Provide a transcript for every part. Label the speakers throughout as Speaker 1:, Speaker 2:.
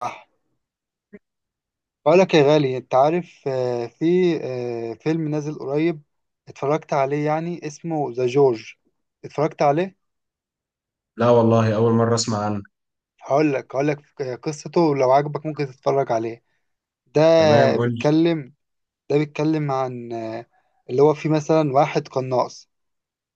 Speaker 1: صح. بقول لك يا غالي، انت عارف، في فيلم نازل قريب. اتفرجت عليه، يعني اسمه ذا جورج. اتفرجت عليه.
Speaker 2: لا والله أول مرة أسمع عنه.
Speaker 1: هقول لك قصته، ولو عجبك ممكن تتفرج عليه. ده
Speaker 2: تمام، قول لي.
Speaker 1: بيتكلم ده بيتكلم عن اللي هو في مثلا واحد قناص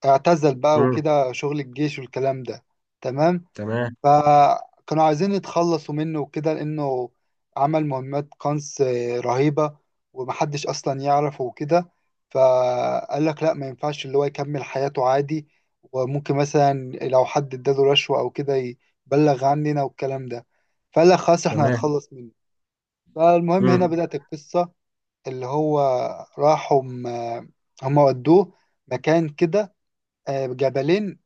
Speaker 1: اعتزل بقى
Speaker 2: مم.
Speaker 1: وكده شغل الجيش والكلام ده. تمام.
Speaker 2: تمام.
Speaker 1: فكانوا عايزين يتخلصوا منه وكده لأنه عمل مهمات قنص رهيبة، ومحدش أصلا يعرفه وكده. فقال لك لا، ما ينفعش اللي هو يكمل حياته عادي. وممكن مثلا لو حد اداله رشوة أو كده يبلغ عننا والكلام ده. فقال لك خلاص، احنا
Speaker 2: تمام.
Speaker 1: هنتخلص منه. فالمهم هنا
Speaker 2: مم.
Speaker 1: بدأت القصة. اللي هو راحوا هم ودوه مكان كده، جبلين،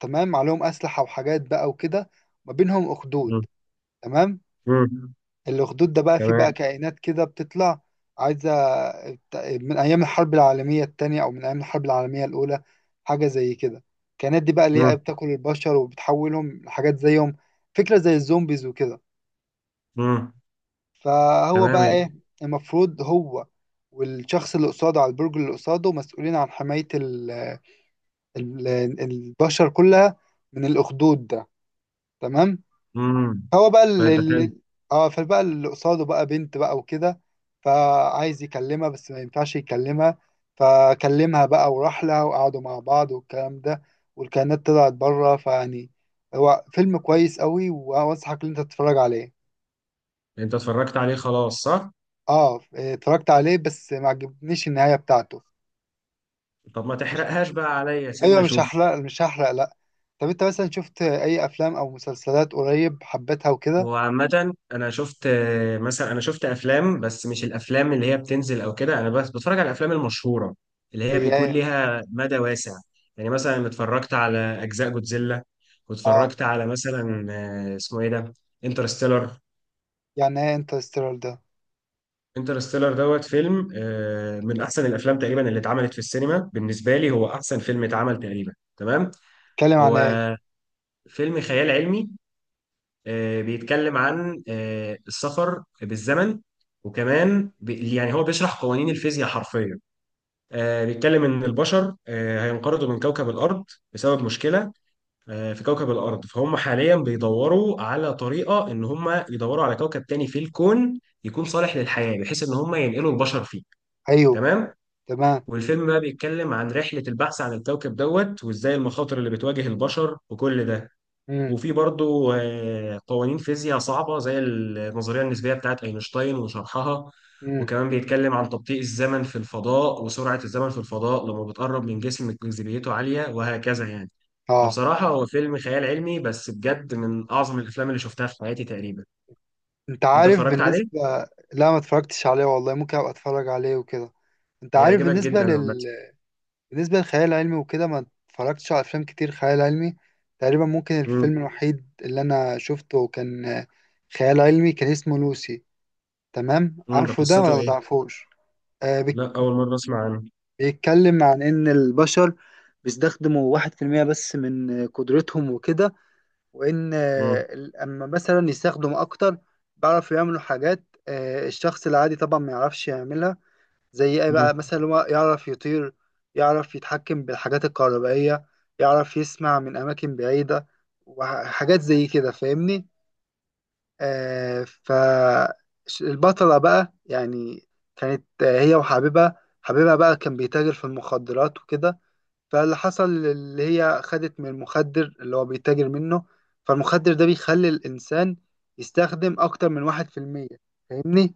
Speaker 1: تمام، عليهم أسلحة وحاجات بقى وكده، ما بينهم أخدود.
Speaker 2: مم.
Speaker 1: تمام.
Speaker 2: مم.
Speaker 1: الاخدود ده بقى فيه بقى
Speaker 2: تمام.
Speaker 1: كائنات كده بتطلع، عايزة، من أيام الحرب العالمية التانية أو من أيام الحرب العالمية الأولى، حاجة زي كده. الكائنات دي بقى اللي هي
Speaker 2: مم.
Speaker 1: بتاكل البشر وبتحولهم لحاجات زيهم، فكرة زي الزومبيز وكده.
Speaker 2: مم.
Speaker 1: فهو
Speaker 2: تمام
Speaker 1: بقى
Speaker 2: إيه؟
Speaker 1: إيه؟ المفروض هو والشخص اللي قصاده على البرج، اللي قصاده مسؤولين عن حماية ال ال البشر كلها من الأخدود ده. تمام.
Speaker 2: مم.
Speaker 1: هو بقى
Speaker 2: طيب ده حلو.
Speaker 1: اه فبقى اللي قصاده بقى بنت بقى وكده. فعايز يكلمها بس ما ينفعش يكلمها. فكلمها بقى وراح لها وقعدوا مع بعض والكلام ده. والكائنات طلعت بره، فيعني هو فيلم كويس قوي وانصحك ان انت تتفرج عليه.
Speaker 2: أنت اتفرجت عليه خلاص صح؟
Speaker 1: اه، اتفرجت عليه بس ما عجبنيش النهاية بتاعته.
Speaker 2: طب ما
Speaker 1: مش
Speaker 2: تحرقهاش بقى عليا،
Speaker 1: ايوه،
Speaker 2: سيبنا
Speaker 1: مش
Speaker 2: أشوف.
Speaker 1: هحرق مش هحرق لا. طب انت مثلا شفت اي افلام او مسلسلات قريب حبيتها وكده؟
Speaker 2: هو عامة أنا شفت مثلا أنا شفت أفلام، بس مش الأفلام اللي هي بتنزل أو كده، أنا بس بتفرج على الأفلام المشهورة اللي
Speaker 1: زي
Speaker 2: هي بيكون
Speaker 1: ايه؟
Speaker 2: ليها مدى واسع. يعني مثلا اتفرجت على أجزاء جودزيلا،
Speaker 1: اه،
Speaker 2: واتفرجت على مثلا اسمه إيه ده؟ انترستيلر.
Speaker 1: يعني ايه انترستيلر ده؟
Speaker 2: انترستيلر دوت فيلم من احسن الافلام تقريبا اللي اتعملت في السينما، بالنسبه لي هو احسن فيلم اتعمل تقريبا. تمام.
Speaker 1: اتكلم عن
Speaker 2: هو
Speaker 1: ايه؟
Speaker 2: فيلم خيال علمي. بيتكلم عن السفر بالزمن، وكمان يعني هو بيشرح قوانين الفيزياء حرفيا. بيتكلم ان البشر هينقرضوا من كوكب الارض بسبب مشكله في كوكب الارض، فهم حاليا بيدوروا على طريقه ان هم يدوروا على كوكب تاني في الكون يكون صالح للحياه، بحيث ان هم ينقلوا البشر فيه.
Speaker 1: ايوه.
Speaker 2: تمام.
Speaker 1: تمام.
Speaker 2: والفيلم بقى بيتكلم عن رحلة البحث عن الكوكب دوت، وازاي المخاطر اللي بتواجه البشر وكل ده.
Speaker 1: امم.
Speaker 2: وفي برضو قوانين فيزياء صعبة زي النظرية النسبية بتاعت أينشتاين وشرحها.
Speaker 1: امم.
Speaker 2: وكمان بيتكلم عن تبطيء الزمن في الفضاء وسرعة الزمن في الفضاء لما بتقرب من جسم جاذبيته عالية وهكذا يعني.
Speaker 1: اه.
Speaker 2: فبصراحة هو فيلم خيال علمي بس بجد من أعظم الأفلام اللي شفتها في حياتي تقريبا.
Speaker 1: انت
Speaker 2: أنت
Speaker 1: عارف
Speaker 2: اتفرجت عليه؟
Speaker 1: بالنسبه. لا، ما اتفرجتش عليه والله، ممكن ابقى اتفرج عليه وكده. انت عارف
Speaker 2: هيعجبك جدا عامة.
Speaker 1: بالنسبه للخيال العلمي وكده، ما اتفرجتش على افلام كتير خيال علمي. تقريبا ممكن
Speaker 2: مم.
Speaker 1: الفيلم الوحيد اللي انا شفته كان خيال علمي، كان اسمه لوسي. تمام،
Speaker 2: مم. ده
Speaker 1: عارفه ده
Speaker 2: قصته
Speaker 1: ولا ما
Speaker 2: إيه؟
Speaker 1: تعرفوش؟ آه،
Speaker 2: لا أول مرة أسمع عنه.
Speaker 1: بيتكلم عن ان البشر بيستخدموا 1% بس من قدرتهم وكده. وان اما مثلا يستخدم اكتر، بيعرفوا يعملوا حاجات، الشخص العادي طبعا ما يعرفش يعملها. زي ايه
Speaker 2: مم.
Speaker 1: بقى؟ مثلا هو يعرف يطير، يعرف يتحكم بالحاجات الكهربائية، يعرف يسمع من اماكن بعيدة، وحاجات زي كده فاهمني؟ آه. فالبطلة بقى يعني كانت هي وحبيبها. حبيبها بقى كان بيتاجر في المخدرات وكده. فاللي حصل اللي هي خدت من المخدر اللي هو بيتاجر منه. فالمخدر ده بيخلي الإنسان يستخدم أكتر من 1%. فاهمني؟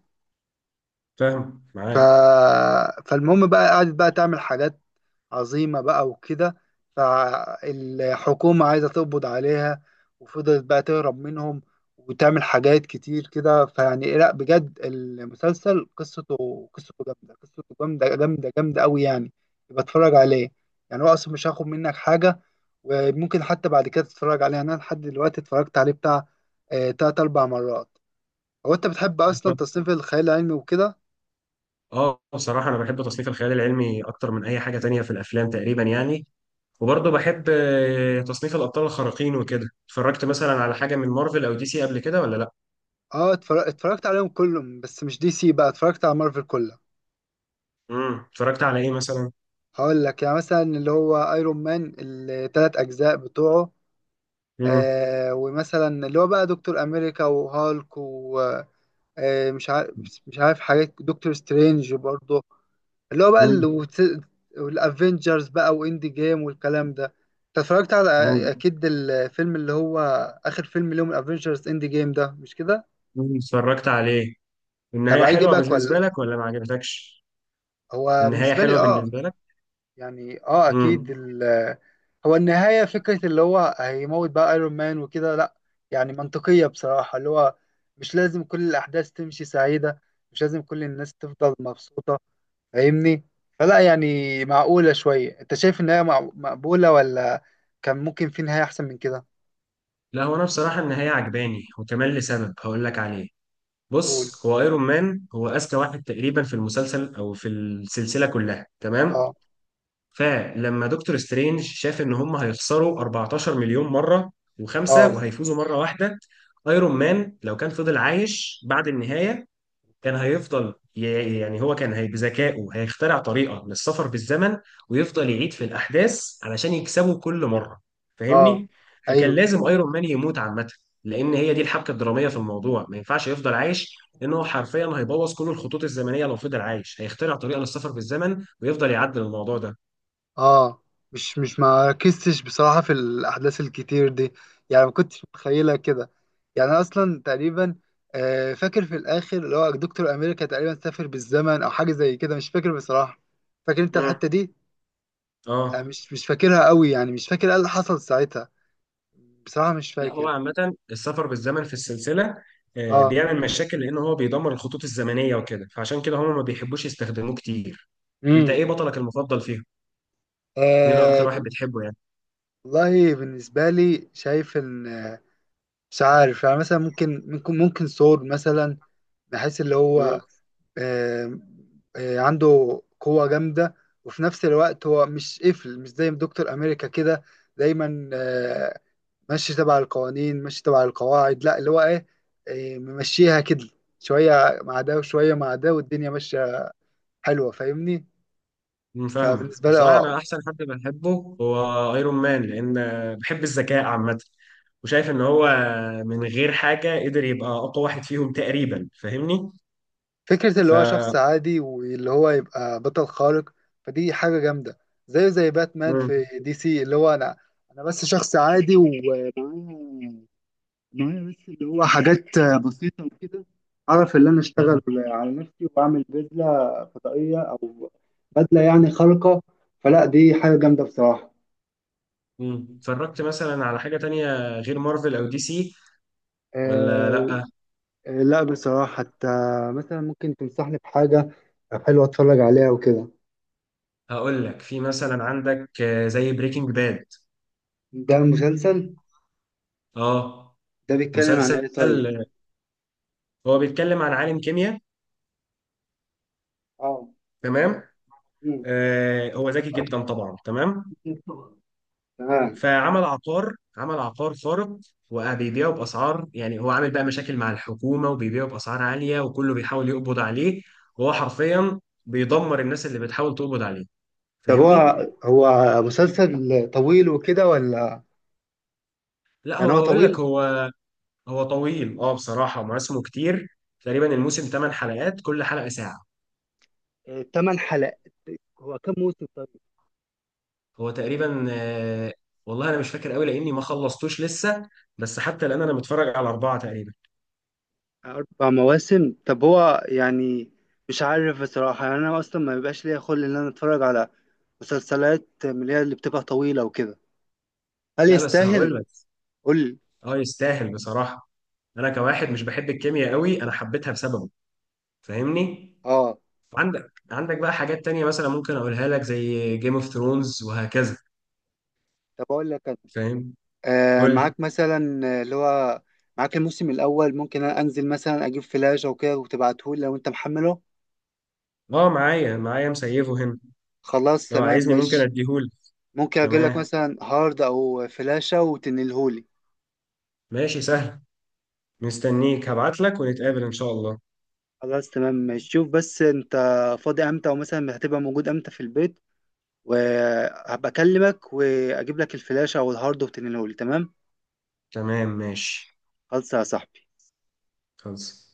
Speaker 2: فاهم
Speaker 1: ف...
Speaker 2: معاك.
Speaker 1: فالمهم بقى قعدت بقى تعمل حاجات عظيمة بقى وكده. فالحكومة عايزة تقبض عليها، وفضلت بقى تهرب منهم، وتعمل حاجات كتير كده. فيعني لا بجد المسلسل قصته جامدة، قصته جامدة جامدة جامدة أوي يعني. يبقى اتفرج عليه، يعني هو أصلا مش هاخد منك حاجة. وممكن حتى بعد كده تتفرج عليها. انا لحد دلوقتي اتفرجت عليه بتاع تلات اربع مرات. هو انت بتحب اصلا تصنيف الخيال العلمي وكده؟
Speaker 2: اه بصراحة أنا بحب تصنيف الخيال العلمي أكتر من أي حاجة تانية في الأفلام تقريبا يعني. وبرضه بحب تصنيف الأبطال الخارقين وكده. اتفرجت مثلا على حاجة من مارفل أو دي سي قبل كده ولا لأ؟
Speaker 1: اه، اتفرجت عليهم كلهم، بس مش دي سي بقى، اتفرجت على مارفل كلها.
Speaker 2: امم، اتفرجت على إيه مثلا؟
Speaker 1: هقول لك يعني مثلا اللي هو ايرون مان، التلات اجزاء بتوعه.
Speaker 2: امم.
Speaker 1: آه، ومثلا اللي هو بقى دكتور امريكا وهالك، ومش عارف مش عارف حاجات، دكتور سترينج برضه، اللي هو بقى
Speaker 2: امم.
Speaker 1: والافنجرز بقى واند جيم والكلام ده. انت اتفرجت على
Speaker 2: امم.
Speaker 1: اكيد الفيلم اللي هو اخر فيلم لهم الافنجرز اند جيم ده، مش كده؟
Speaker 2: أمم، اتفرجت عليه.
Speaker 1: طب
Speaker 2: النهاية حلوة
Speaker 1: هيجيبك
Speaker 2: بالنسبة
Speaker 1: ولا،
Speaker 2: لك ولا ما عجبتكش؟
Speaker 1: هو
Speaker 2: النهاية
Speaker 1: بالنسبه لي
Speaker 2: حلوة
Speaker 1: اه،
Speaker 2: بالنسبة لك؟
Speaker 1: يعني اه اكيد
Speaker 2: امم.
Speaker 1: هو النهايه، فكره اللي هو هيموت بقى ايرون مان وكده، لا يعني منطقيه بصراحه. اللي هو مش لازم كل الاحداث تمشي سعيده، مش لازم كل الناس تفضل مبسوطه. فاهمني؟ فلا يعني معقولة شوية. انت شايف ان هي مقبولة ولا كان ممكن في نهاية احسن من كده؟
Speaker 2: لا هو أنا بصراحة النهاية عجباني، وكمان لسبب هقول لك عليه.
Speaker 1: قول.
Speaker 2: بص، هو ايرون مان هو اذكى واحد تقريبا في المسلسل او في السلسله كلها، تمام.
Speaker 1: اه.
Speaker 2: فلما دكتور سترينج شاف ان هم هيخسروا 14 مليون مره
Speaker 1: اه.
Speaker 2: وخمسه وهيفوزوا مره واحده، ايرون مان لو كان فضل عايش بعد النهايه كان هيفضل يعني هو كان هي بذكائه هيخترع طريقة للسفر بالزمن، ويفضل يعيد في الأحداث علشان يكسبه كل مرة.
Speaker 1: اه.
Speaker 2: فاهمني؟ فكان
Speaker 1: ايوه.
Speaker 2: لازم ايرون مان يموت عامة، لأن هي دي الحبكة الدرامية في الموضوع. ما ينفعش يفضل عايش، لأنه حرفيا هيبوظ كل الخطوط الزمنية لو فضل عايش، هيخترع طريقة للسفر بالزمن ويفضل يعدل الموضوع ده.
Speaker 1: اه. مش مش ما ركزتش بصراحة في الاحداث الكتير دي، يعني ما كنتش متخيلة كده. يعني انا اصلا تقريبا فاكر في الاخر اللي هو دكتور امريكا تقريبا سافر بالزمن او حاجة زي كده، مش فاكر بصراحة. فاكر انت
Speaker 2: مم.
Speaker 1: الحتة دي؟
Speaker 2: اه.
Speaker 1: مش مش فاكرها قوي يعني، مش فاكر ايه اللي حصل ساعتها بصراحة. مش
Speaker 2: لا هو
Speaker 1: فاكر.
Speaker 2: عامة السفر بالزمن في السلسلة
Speaker 1: اه.
Speaker 2: بيعمل مشاكل، لأن هو بيدمر الخطوط الزمنية وكده، فعشان كده هم ما بيحبوش يستخدموه كتير. انت
Speaker 1: امم.
Speaker 2: ايه بطلك المفضل فيهم؟ مين اكتر
Speaker 1: آه،
Speaker 2: واحد بتحبه يعني؟
Speaker 1: والله بالنسبة لي شايف إن مش عارف يعني. مثلا ممكن سور مثلا، بحيث اللي
Speaker 2: مم.
Speaker 1: هو آه عنده قوة جامدة، وفي نفس الوقت هو مش قفل، مش زي دكتور أمريكا كده دايما ماشي تبع القوانين، ماشي تبع القواعد. لا، اللي هو إيه، ممشيها كده، شوية مع ده وشوية مع ده والدنيا ماشية حلوة. فاهمني؟
Speaker 2: مم، فاهمك.
Speaker 1: فبالنسبة لي
Speaker 2: بصراحة
Speaker 1: اه،
Speaker 2: أنا أحسن حد بحبه هو أيرون مان، لأن بحب الذكاء عامة، وشايف إن هو من غير حاجة قدر يبقى أقوى واحد فيهم تقريبا. فاهمني؟
Speaker 1: فكرة اللي
Speaker 2: ف.
Speaker 1: هو شخص عادي واللي هو يبقى بطل خارق، فدي حاجة جامدة. زيه زي باتمان
Speaker 2: مم.
Speaker 1: في دي سي، اللي هو أنا بس شخص عادي ومعايا بس اللي هو حاجات بسيطة وكده، أعرف إن أنا أشتغل على نفسي وأعمل بدلة فضائية، أو بدلة يعني خارقة. فلا دي حاجة جامدة بصراحة.
Speaker 2: مم. اتفرجت مثلا على حاجة تانية غير مارفل أو دي سي ولا
Speaker 1: أه.
Speaker 2: لأ؟
Speaker 1: لا بصراحة. حتى مثلا ممكن تنصحني بحاجة حلوة أتفرج عليها وكده؟
Speaker 2: هقول لك. في مثلا عندك زي بريكنج باد.
Speaker 1: ده مسلسل؟
Speaker 2: أه.
Speaker 1: ده بيتكلم عن
Speaker 2: مسلسل
Speaker 1: إيه طيب؟
Speaker 2: هو بيتكلم عن عالم كيمياء.
Speaker 1: اه.
Speaker 2: تمام.
Speaker 1: مم.
Speaker 2: هو ذكي جدا طبعا، تمام.
Speaker 1: تمام.
Speaker 2: فعمل عقار، عمل عقار خارق، وبيبيعه باسعار، يعني هو عامل بقى مشاكل مع الحكومه، وبيبيعه باسعار عاليه، وكله بيحاول يقبض عليه، وهو حرفيا بيدمر الناس اللي بتحاول تقبض عليه.
Speaker 1: طب هو
Speaker 2: فاهمني؟
Speaker 1: هو مسلسل طويل وكده ولا
Speaker 2: لا
Speaker 1: يعني
Speaker 2: هو
Speaker 1: هو
Speaker 2: هقول لك.
Speaker 1: طويل؟
Speaker 2: هو طويل اه. بصراحه مواسمه كتير، تقريبا الموسم 8 حلقات، كل حلقه ساعه.
Speaker 1: آه، تمن حلقات. هو كم موسم طيب؟
Speaker 2: هو تقريبا والله انا مش فاكر قوي لاني ما خلصتوش لسه، بس حتى الان انا متفرج على اربعه تقريبا.
Speaker 1: أربع مواسم. طب هو يعني مش عارف بصراحة. يعني أنا أصلا ما بيبقاش ليا خلق إن أنا أتفرج على مسلسلات من اللي هي اللي بتبقى طويلة وكده. هل
Speaker 2: لا بس
Speaker 1: يستاهل؟
Speaker 2: هقول لك.
Speaker 1: قول لي.
Speaker 2: اه يستاهل بصراحة. انا كواحد مش بحب الكيمياء قوي، انا حبيتها بسببه. فاهمني.
Speaker 1: آه.
Speaker 2: عندك بقى حاجات تانية مثلا ممكن اقولها لك زي جيم اوف ثرونز وهكذا.
Speaker 1: طب أقول لك أنا،
Speaker 2: فاهم. قول لي.
Speaker 1: معاك مثلا اللي هو معاك الموسم الأول. ممكن أنا أنزل مثلا أجيب فلاش أو كده وتبعتهولي لو أنت محمله؟
Speaker 2: اه معايا معايا مسيفه هنا.
Speaker 1: خلاص
Speaker 2: لو
Speaker 1: تمام
Speaker 2: عايزني ممكن
Speaker 1: ماشي.
Speaker 2: اديهولك.
Speaker 1: ممكن اجيب لك
Speaker 2: تمام
Speaker 1: مثلا هارد او فلاشة وتنلهولي.
Speaker 2: ماشي، سهل. مستنيك، هبعت لك ونتقابل ان شاء الله.
Speaker 1: خلاص تمام ماشي. شوف بس انت فاضي امتى، ومثلا هتبقى موجود امتى في البيت، وهبقى اكلمك واجيب لك الفلاشة او الهارد وتنلهولي. تمام.
Speaker 2: تمام ماشي.
Speaker 1: خلاص يا صاحبي.
Speaker 2: خلص.